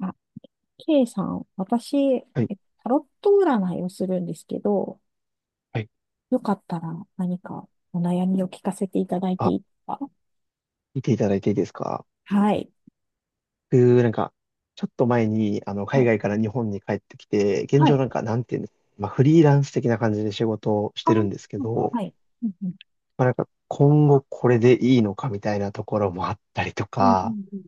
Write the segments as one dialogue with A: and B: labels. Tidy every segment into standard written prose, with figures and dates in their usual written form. A: あ、K さん、私、
B: はい
A: タロット占いをするんですけど、
B: はい。
A: よかったら何かお悩みを聞かせていただいて
B: あ、
A: いいですか？
B: 見ていただいていいですか？
A: はい。
B: 僕、なんか、ちょっと前に、あの、
A: は
B: 海
A: い。
B: 外から日本に帰ってきて、現
A: は
B: 状
A: い。
B: なんか、なんていうんですか、まあ、フリーランス的な感じで仕事をし
A: あ
B: てる
A: ー、
B: んですけど、
A: はい。うんうん。
B: まあ、なんか、今後これでいいのかみたいなところもあったりと
A: うんう
B: か、
A: んうん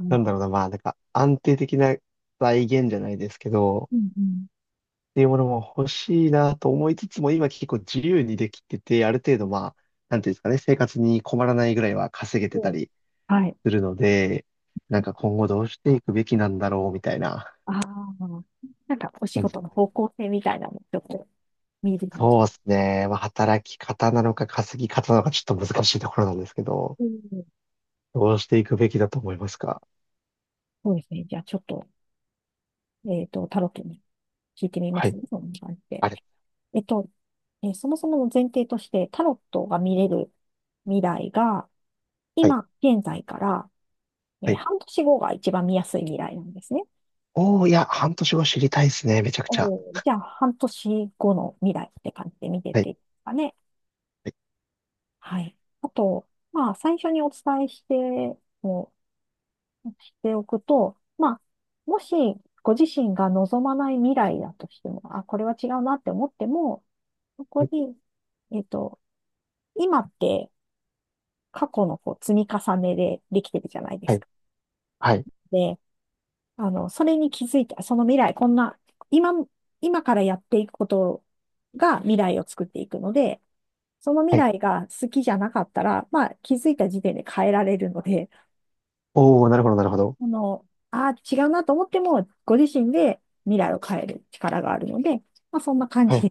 A: うん。は
B: な
A: い。
B: んだろうな、まあ、なんか、安定的な財源じゃないですけど、
A: うんうん。
B: っていうものも欲しいなと思いつつも、今結構自由にできてて、ある程
A: う
B: 度、
A: ん。
B: まあ、なんていうんですかね、生活に困らないぐらいは稼げてた
A: おう。
B: り、
A: はい。
B: するので、なんか今後どうしていくべきなんだろうみたいな
A: ああ、なんかお仕
B: 感じ
A: 事の
B: で。
A: 方向性みたいなの、ちょっと見える感じ。
B: そうですね。まあ、働き方なのか稼ぎ方なのかちょっと難しいところなんですけど、
A: うん、
B: どうしていくべきだと思いますか？
A: そうですね。じゃあちょっと、タロットに聞いてみま
B: は
A: す
B: い。
A: ね。そんな感じで。
B: あれ。
A: えっと、そもそもの前提として、タロットが見れる未来が、
B: はい。
A: 今、現在から、
B: はい。
A: 半年後が一番見やすい未来なんですね。
B: おー、いや、半年後知りたいですね。めちゃくちゃ。
A: おー、じゃあ、半年後の未来って感じで見て
B: は
A: て
B: い。
A: いいですかね。
B: は
A: はい。あと、まあ、最初にお伝えして、もしておくと、まあ、もし、ご自身が望まない未来だとしても、あ、これは違うなって思っても、そこ
B: い。
A: に、えっと、今って過去のこう積み重ねでできてるじゃないで
B: は
A: す
B: い。
A: か。
B: はい。
A: で、あの、それに気づいて、その未来、こんな、今、今からやっていくことが未来を作っていくので、その未
B: はい。
A: 来が好きじゃなかったら、まあ気づいた時点で変えられるので、
B: おー、なるほど、なるほど。
A: あの、ああ、違うなと思っても、ご自身で未来を変える力があるので、まあそんな感
B: は
A: じで
B: い。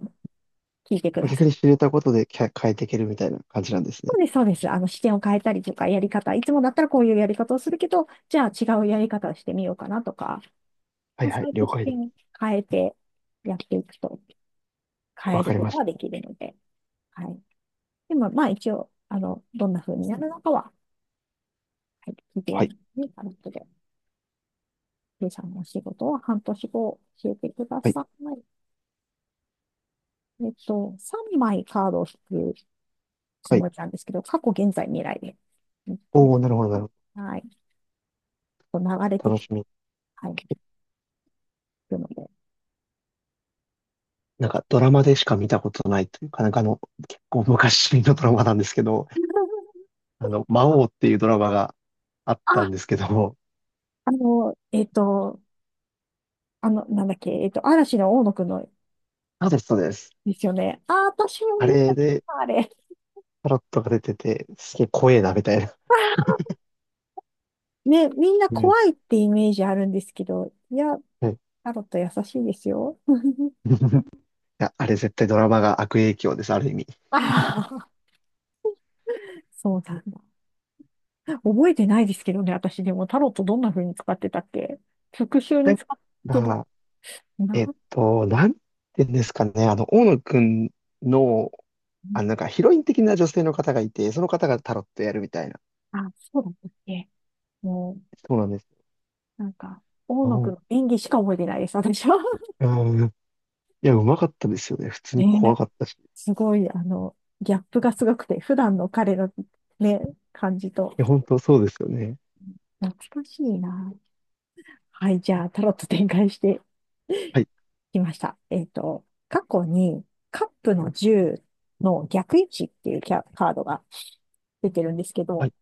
A: 聞いてくだ
B: 逆
A: さ
B: に
A: い。
B: 知れたことできゃ変えていけるみたいな感じなんです
A: そ
B: ね。
A: うです、そうです。あの、視点を変えたりとか、やり方、いつもだったらこういうやり方をするけど、じゃあ違うやり方をしてみようかなとか、
B: は
A: ま
B: い
A: あ、そ
B: は
A: う
B: い、
A: やって
B: 了
A: 視
B: 解で
A: 点を
B: す。
A: 変えてやっていくと変
B: わ
A: える
B: かり
A: こ
B: ま
A: と
B: し
A: が
B: た。
A: できるので、はい。でも、まあ一応、あの、どんな風になるのかは、はい、聞いて
B: はい。
A: にあの後で、K さんのお仕事は半年後教えてくだ
B: はい。
A: さい。えっと、3枚カードを引くつ
B: は
A: も
B: い。
A: りなんですけど、過去、現在、未来で。
B: おー、なるほど、なるほ
A: はい。こう流れ
B: ど。
A: て
B: 楽
A: き、
B: しみ。
A: はい、いくので。
B: なんかドラマでしか見たことないというか、なんかあの、結構昔のドラマなんですけど、あの、魔王っていうドラマがあったん
A: あ、
B: ですけど、
A: あの、えっと、あの、なんだっけ、えっと、嵐の大野くんの
B: そうです、そうです。
A: ですよね。あ、私も
B: あ
A: 見てま
B: れ
A: し
B: で
A: た、あれ。
B: タロットが出てて、すげえ怖えな、みたいな。
A: ね、みんな
B: うん。
A: 怖いってイメージあるんですけど、いや、
B: はい。 い
A: タロット優しいですよ。
B: や、あれ絶対ドラマが悪影響です、ある意味。
A: ああ、そうなんだ。覚えてないですけどね、私でもタロットどんな風に使ってたっけ、復習
B: な
A: に
B: ん
A: 使ってる
B: か、
A: な。
B: なんて言うんですかね、あの、大野くんの、あの、なんかヒロイン的な女性の方がいて、その方がタロットやるみたいな。
A: あ、そうだったっけ。も
B: そうなんです。
A: う、なんか、大
B: お
A: 野くん
B: う。
A: の演技しか覚えてないです、私は。
B: うん。いや、うまかったですよね。普通に怖
A: ね、
B: かったし。い
A: すごい、あの、ギャップがすごくて、普段の彼の、ね、感じと、
B: や、本当そうですよね。
A: 懐かしいな。はい、じゃあ、タロット展開して
B: はい、
A: 来ました。えっと、過去にカップの10の逆位置っていうカードが出てるんですけ
B: は
A: ど、
B: い、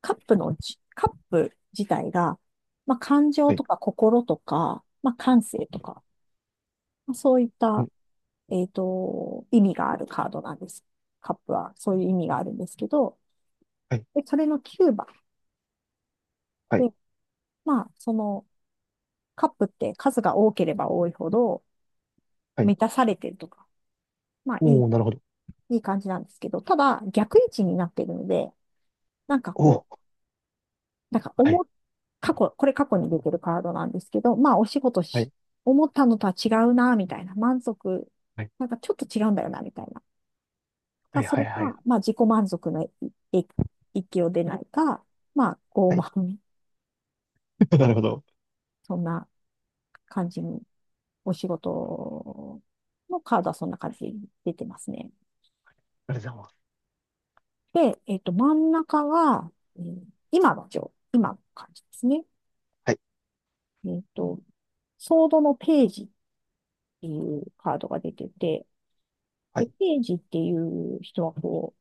A: カップ自体が、まあ、感
B: は
A: 情
B: い、
A: とか心とか、まあ、感性とか、まあ、そういっ
B: う
A: た、
B: ん、
A: えっと、意味があるカードなんです。カップはそういう意味があるんですけど、
B: はい、
A: で、それの9番
B: はい、
A: で、まあ、そのカップって数が多ければ多いほど
B: はい。
A: 満たされてるとか、まあ、
B: おー、なるほど。
A: いい感じなんですけど、ただ逆位置になっているので、なんか
B: お
A: こ
B: ー、
A: う、なんか
B: は
A: 思
B: い、
A: っ、過去、これ過去に出てるカードなんですけど、まあお仕事
B: は
A: し、
B: い、
A: 思ったのとは違うな、みたいな、満足、
B: はい、
A: なんかちょっと違うんだよな、みたいな。た
B: は
A: だ
B: い、
A: そ
B: は
A: れ
B: い、
A: が、
B: はい、
A: まあ自己満足のい域を出ないか、まあ
B: は
A: 傲
B: い。
A: 慢、
B: なるほど。
A: そんな感じに、お仕事のカードはそんな感じで出てますね。
B: ありがとうございます。
A: で、えっと、真ん中が、うん、今の感じですね。
B: はい、
A: えっと、ソードのページっていうカードが出てて、
B: は
A: で、
B: い、
A: ページっていう人はこう、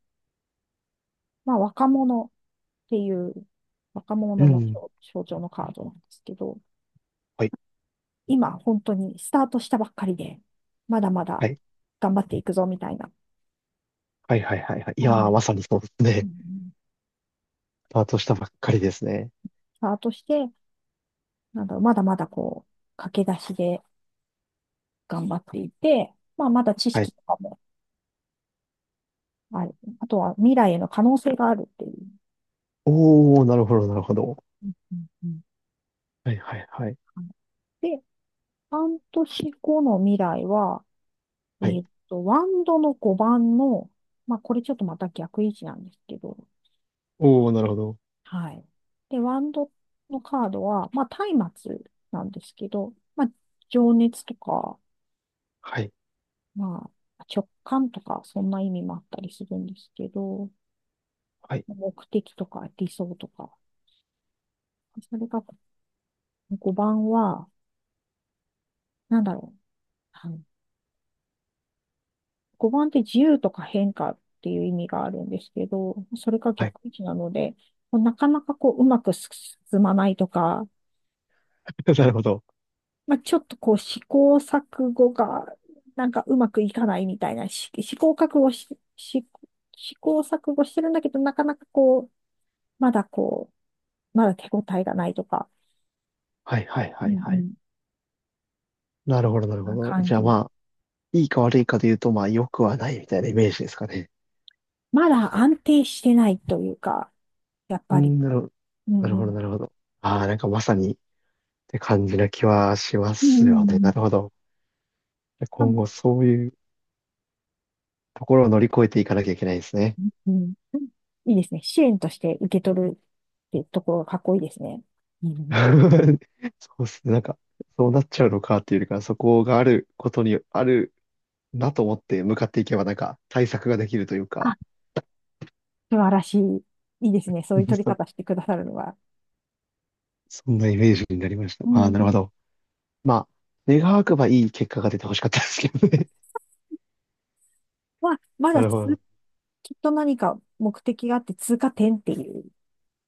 A: まあ若者っていう若
B: う
A: 者の
B: ん、
A: 象象徴のカードなんですけど、
B: はい、
A: 今本当にスタートしたばっかりで、まだまだ
B: はい、
A: 頑張っていくぞみたいな、
B: はい、はい、はいはい。い
A: そ
B: や
A: んな、
B: ー、まさにそうです
A: うん
B: ね。
A: うん。
B: スタートしたばっかりですね。
A: スタートして、なんだろう、まだまだこう、駆け出しで頑張っていて、まあまだ知
B: は
A: 識
B: い。
A: とかもある。あとは未来への可能性があるっていう。
B: おー、なるほど、なるほど。
A: うんうんうん。
B: はい、はい、はい、
A: で、半年後の未来は、え
B: はい。
A: ーっと、ワンドの5番の、まあ、これちょっとまた逆位置なんですけど、
B: おー、なるほど。
A: はい。で、ワンドのカードは、まあ、松明なんですけど、まあ、情熱とか、
B: はい、
A: まあ、直感とか、そんな意味もあったりするんですけど、
B: はい、
A: 目的とか理想とか、それが5番は、なんだろう。はい、5番って自由とか変化っていう意味があるんですけど、それが
B: はい。
A: 逆位置なので、こうなかなかこううまく進まないとか、
B: なるほど。
A: まあ、ちょっとこう試行錯誤がなんかうまくいかないみたいな、し試行錯誤し、し試行錯誤してるんだけど、なかなかこう、まだこまだ手応えがないとか、
B: はい、はい、
A: う
B: は
A: ん
B: い、
A: う
B: はい。
A: ん。
B: なるほど、なるほ
A: な
B: ど。
A: 感
B: じゃあ
A: じ。
B: まあ、いいか悪いかで言うと、まあ、良くはないみたいなイメージですかね。
A: まだ安定してないというか、やっ
B: う
A: ぱり、
B: ん、なるほど、
A: う
B: なる
A: んう
B: ほど、
A: ん。
B: なるほど。ああ、なんかまさにって感じな気はしま
A: うんうん
B: す
A: う
B: よね。な
A: ん。
B: るほど。今後そういうところを乗り越えていかなきゃいけないですね。
A: うん。いいですね。支援として受け取るってところがかっこいいですね。うん。
B: そうですね。なんか、そうなっちゃうのかっていうよりかそこがあることにあるなと思って向かっていけば、なんか対策ができるという
A: あ、
B: か、
A: 素晴らしい。いいですね。そういう取 り
B: そ、
A: 方してくださるのは。
B: そんなイメージになりました。
A: う
B: ああ、
A: ん。
B: なるほど。まあ、願わくばいい結果が出てほしかったですけどね。
A: まあ、ま
B: な
A: だ
B: る
A: つ、
B: ほど。
A: きっと何か目的があって通過点っていう、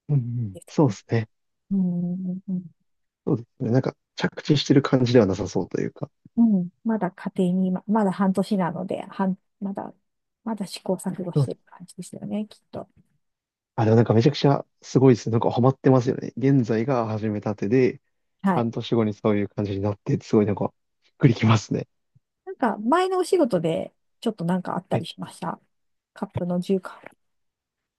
B: うんうん、そうですね。
A: うん。
B: そうですね。なんか、着地してる感じではなさそうというか。
A: うん。まだ家庭に、ま、まだ半年なので、半まだ、まだ試行錯誤
B: そ
A: し
B: うで
A: て
B: す。
A: る感じですよね、きっと。
B: あ、でもなんかめちゃくちゃすごいですね。なんかハマってますよね。現在が始めたてで、
A: はい。
B: 半年後にそういう感じになって、すごいなんか、びっくりきますね。
A: なんか、前のお仕事で、ちょっとなんかあった
B: は
A: り
B: い。
A: しました。カップの重化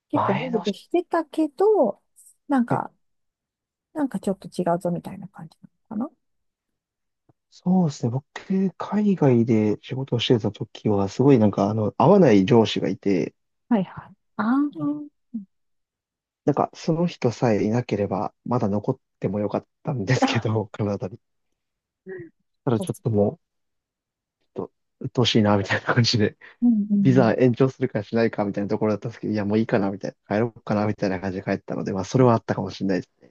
A: 結構
B: 前
A: 満
B: の
A: 足
B: し、
A: してたけど、なん
B: はい。
A: か、なんかちょっと違うぞみたいな感じなのか
B: そうですね。僕、海外で仕事をしてた時は、すごいなんか、あの、合わない上司がいて、
A: な。はいはい。ああ、うんうん
B: なんか、その人さえいなければ、まだ残ってもよかったんですけど、カナダに。ただちょっともう、ちょっと、鬱陶しいな、みたいな感じで。
A: う
B: ビザ
A: ん。
B: 延長するかしないかみたいなところだったんですけど、いや、もういいかな、みたいな、帰ろうかな、みたいな感じで帰ったので、まあ、それはあったかもしれないです。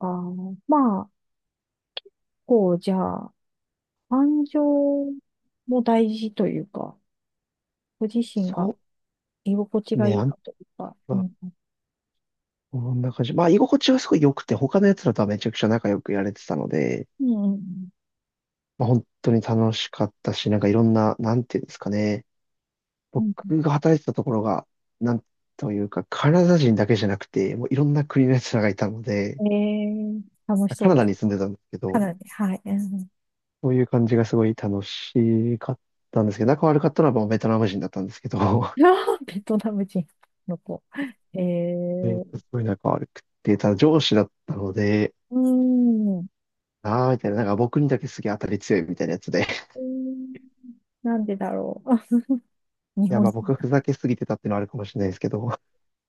A: ああ、まあ、こう、じゃあ、感情も大事というか、ご自身が
B: そ
A: 居心地
B: う
A: が
B: ね、
A: い
B: あ
A: い
B: ん
A: かというか、う
B: ま
A: ん。
B: こんな感じ。まあ、居心地はすごい良くて、他のやつらとはめちゃくちゃ仲良くやれてたので、
A: うんうん
B: まあ、本当に楽しかったし、なんかいろんな、なんていうんですかね、
A: うん。
B: 僕が働いてたところが、なんというか、カナダ人だけじゃなくて、もういろんな国のやつらがいたので、
A: うん、えー、楽しそ
B: カ
A: う
B: ナ
A: で
B: ダ
A: す。
B: に住んでたんですけ
A: か
B: ど、
A: なり、はい。うん、
B: そういう感じがすごい楽しかったんですけど、仲悪かったのはもうベトナム人だったんですけど、
A: ベトナム人の子。えー、
B: すごいなんか悪くて、ただ上司だったので、
A: うん。
B: あーみたいな、なんか僕にだけすげえ当たり強いみたいなやつで。
A: うん。なんでだろう。あ、日
B: いや、
A: 本、
B: まあ僕はふざけすぎてたっていうのはあるかもしれないですけど、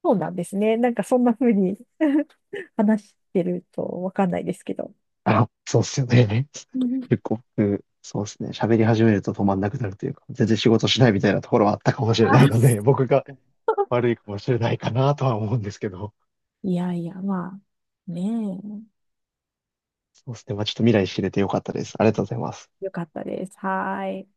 A: そうなんですね。なんかそんな風に 話してるとわかんないですけど。
B: あ、そうっすよね。
A: う ん、
B: 結構僕、そうっすね。喋り始めると止まんなくなるというか、全然仕事しないみたいなところはあったかもしれ
A: あ、
B: ないので、僕が悪いかもしれないかなとは思うんですけど、
A: いやいや、まあ、ね
B: そうっすね。まあちょっと未来知れてよかったです。ありがとうございます。
A: え。よかったです。はーい。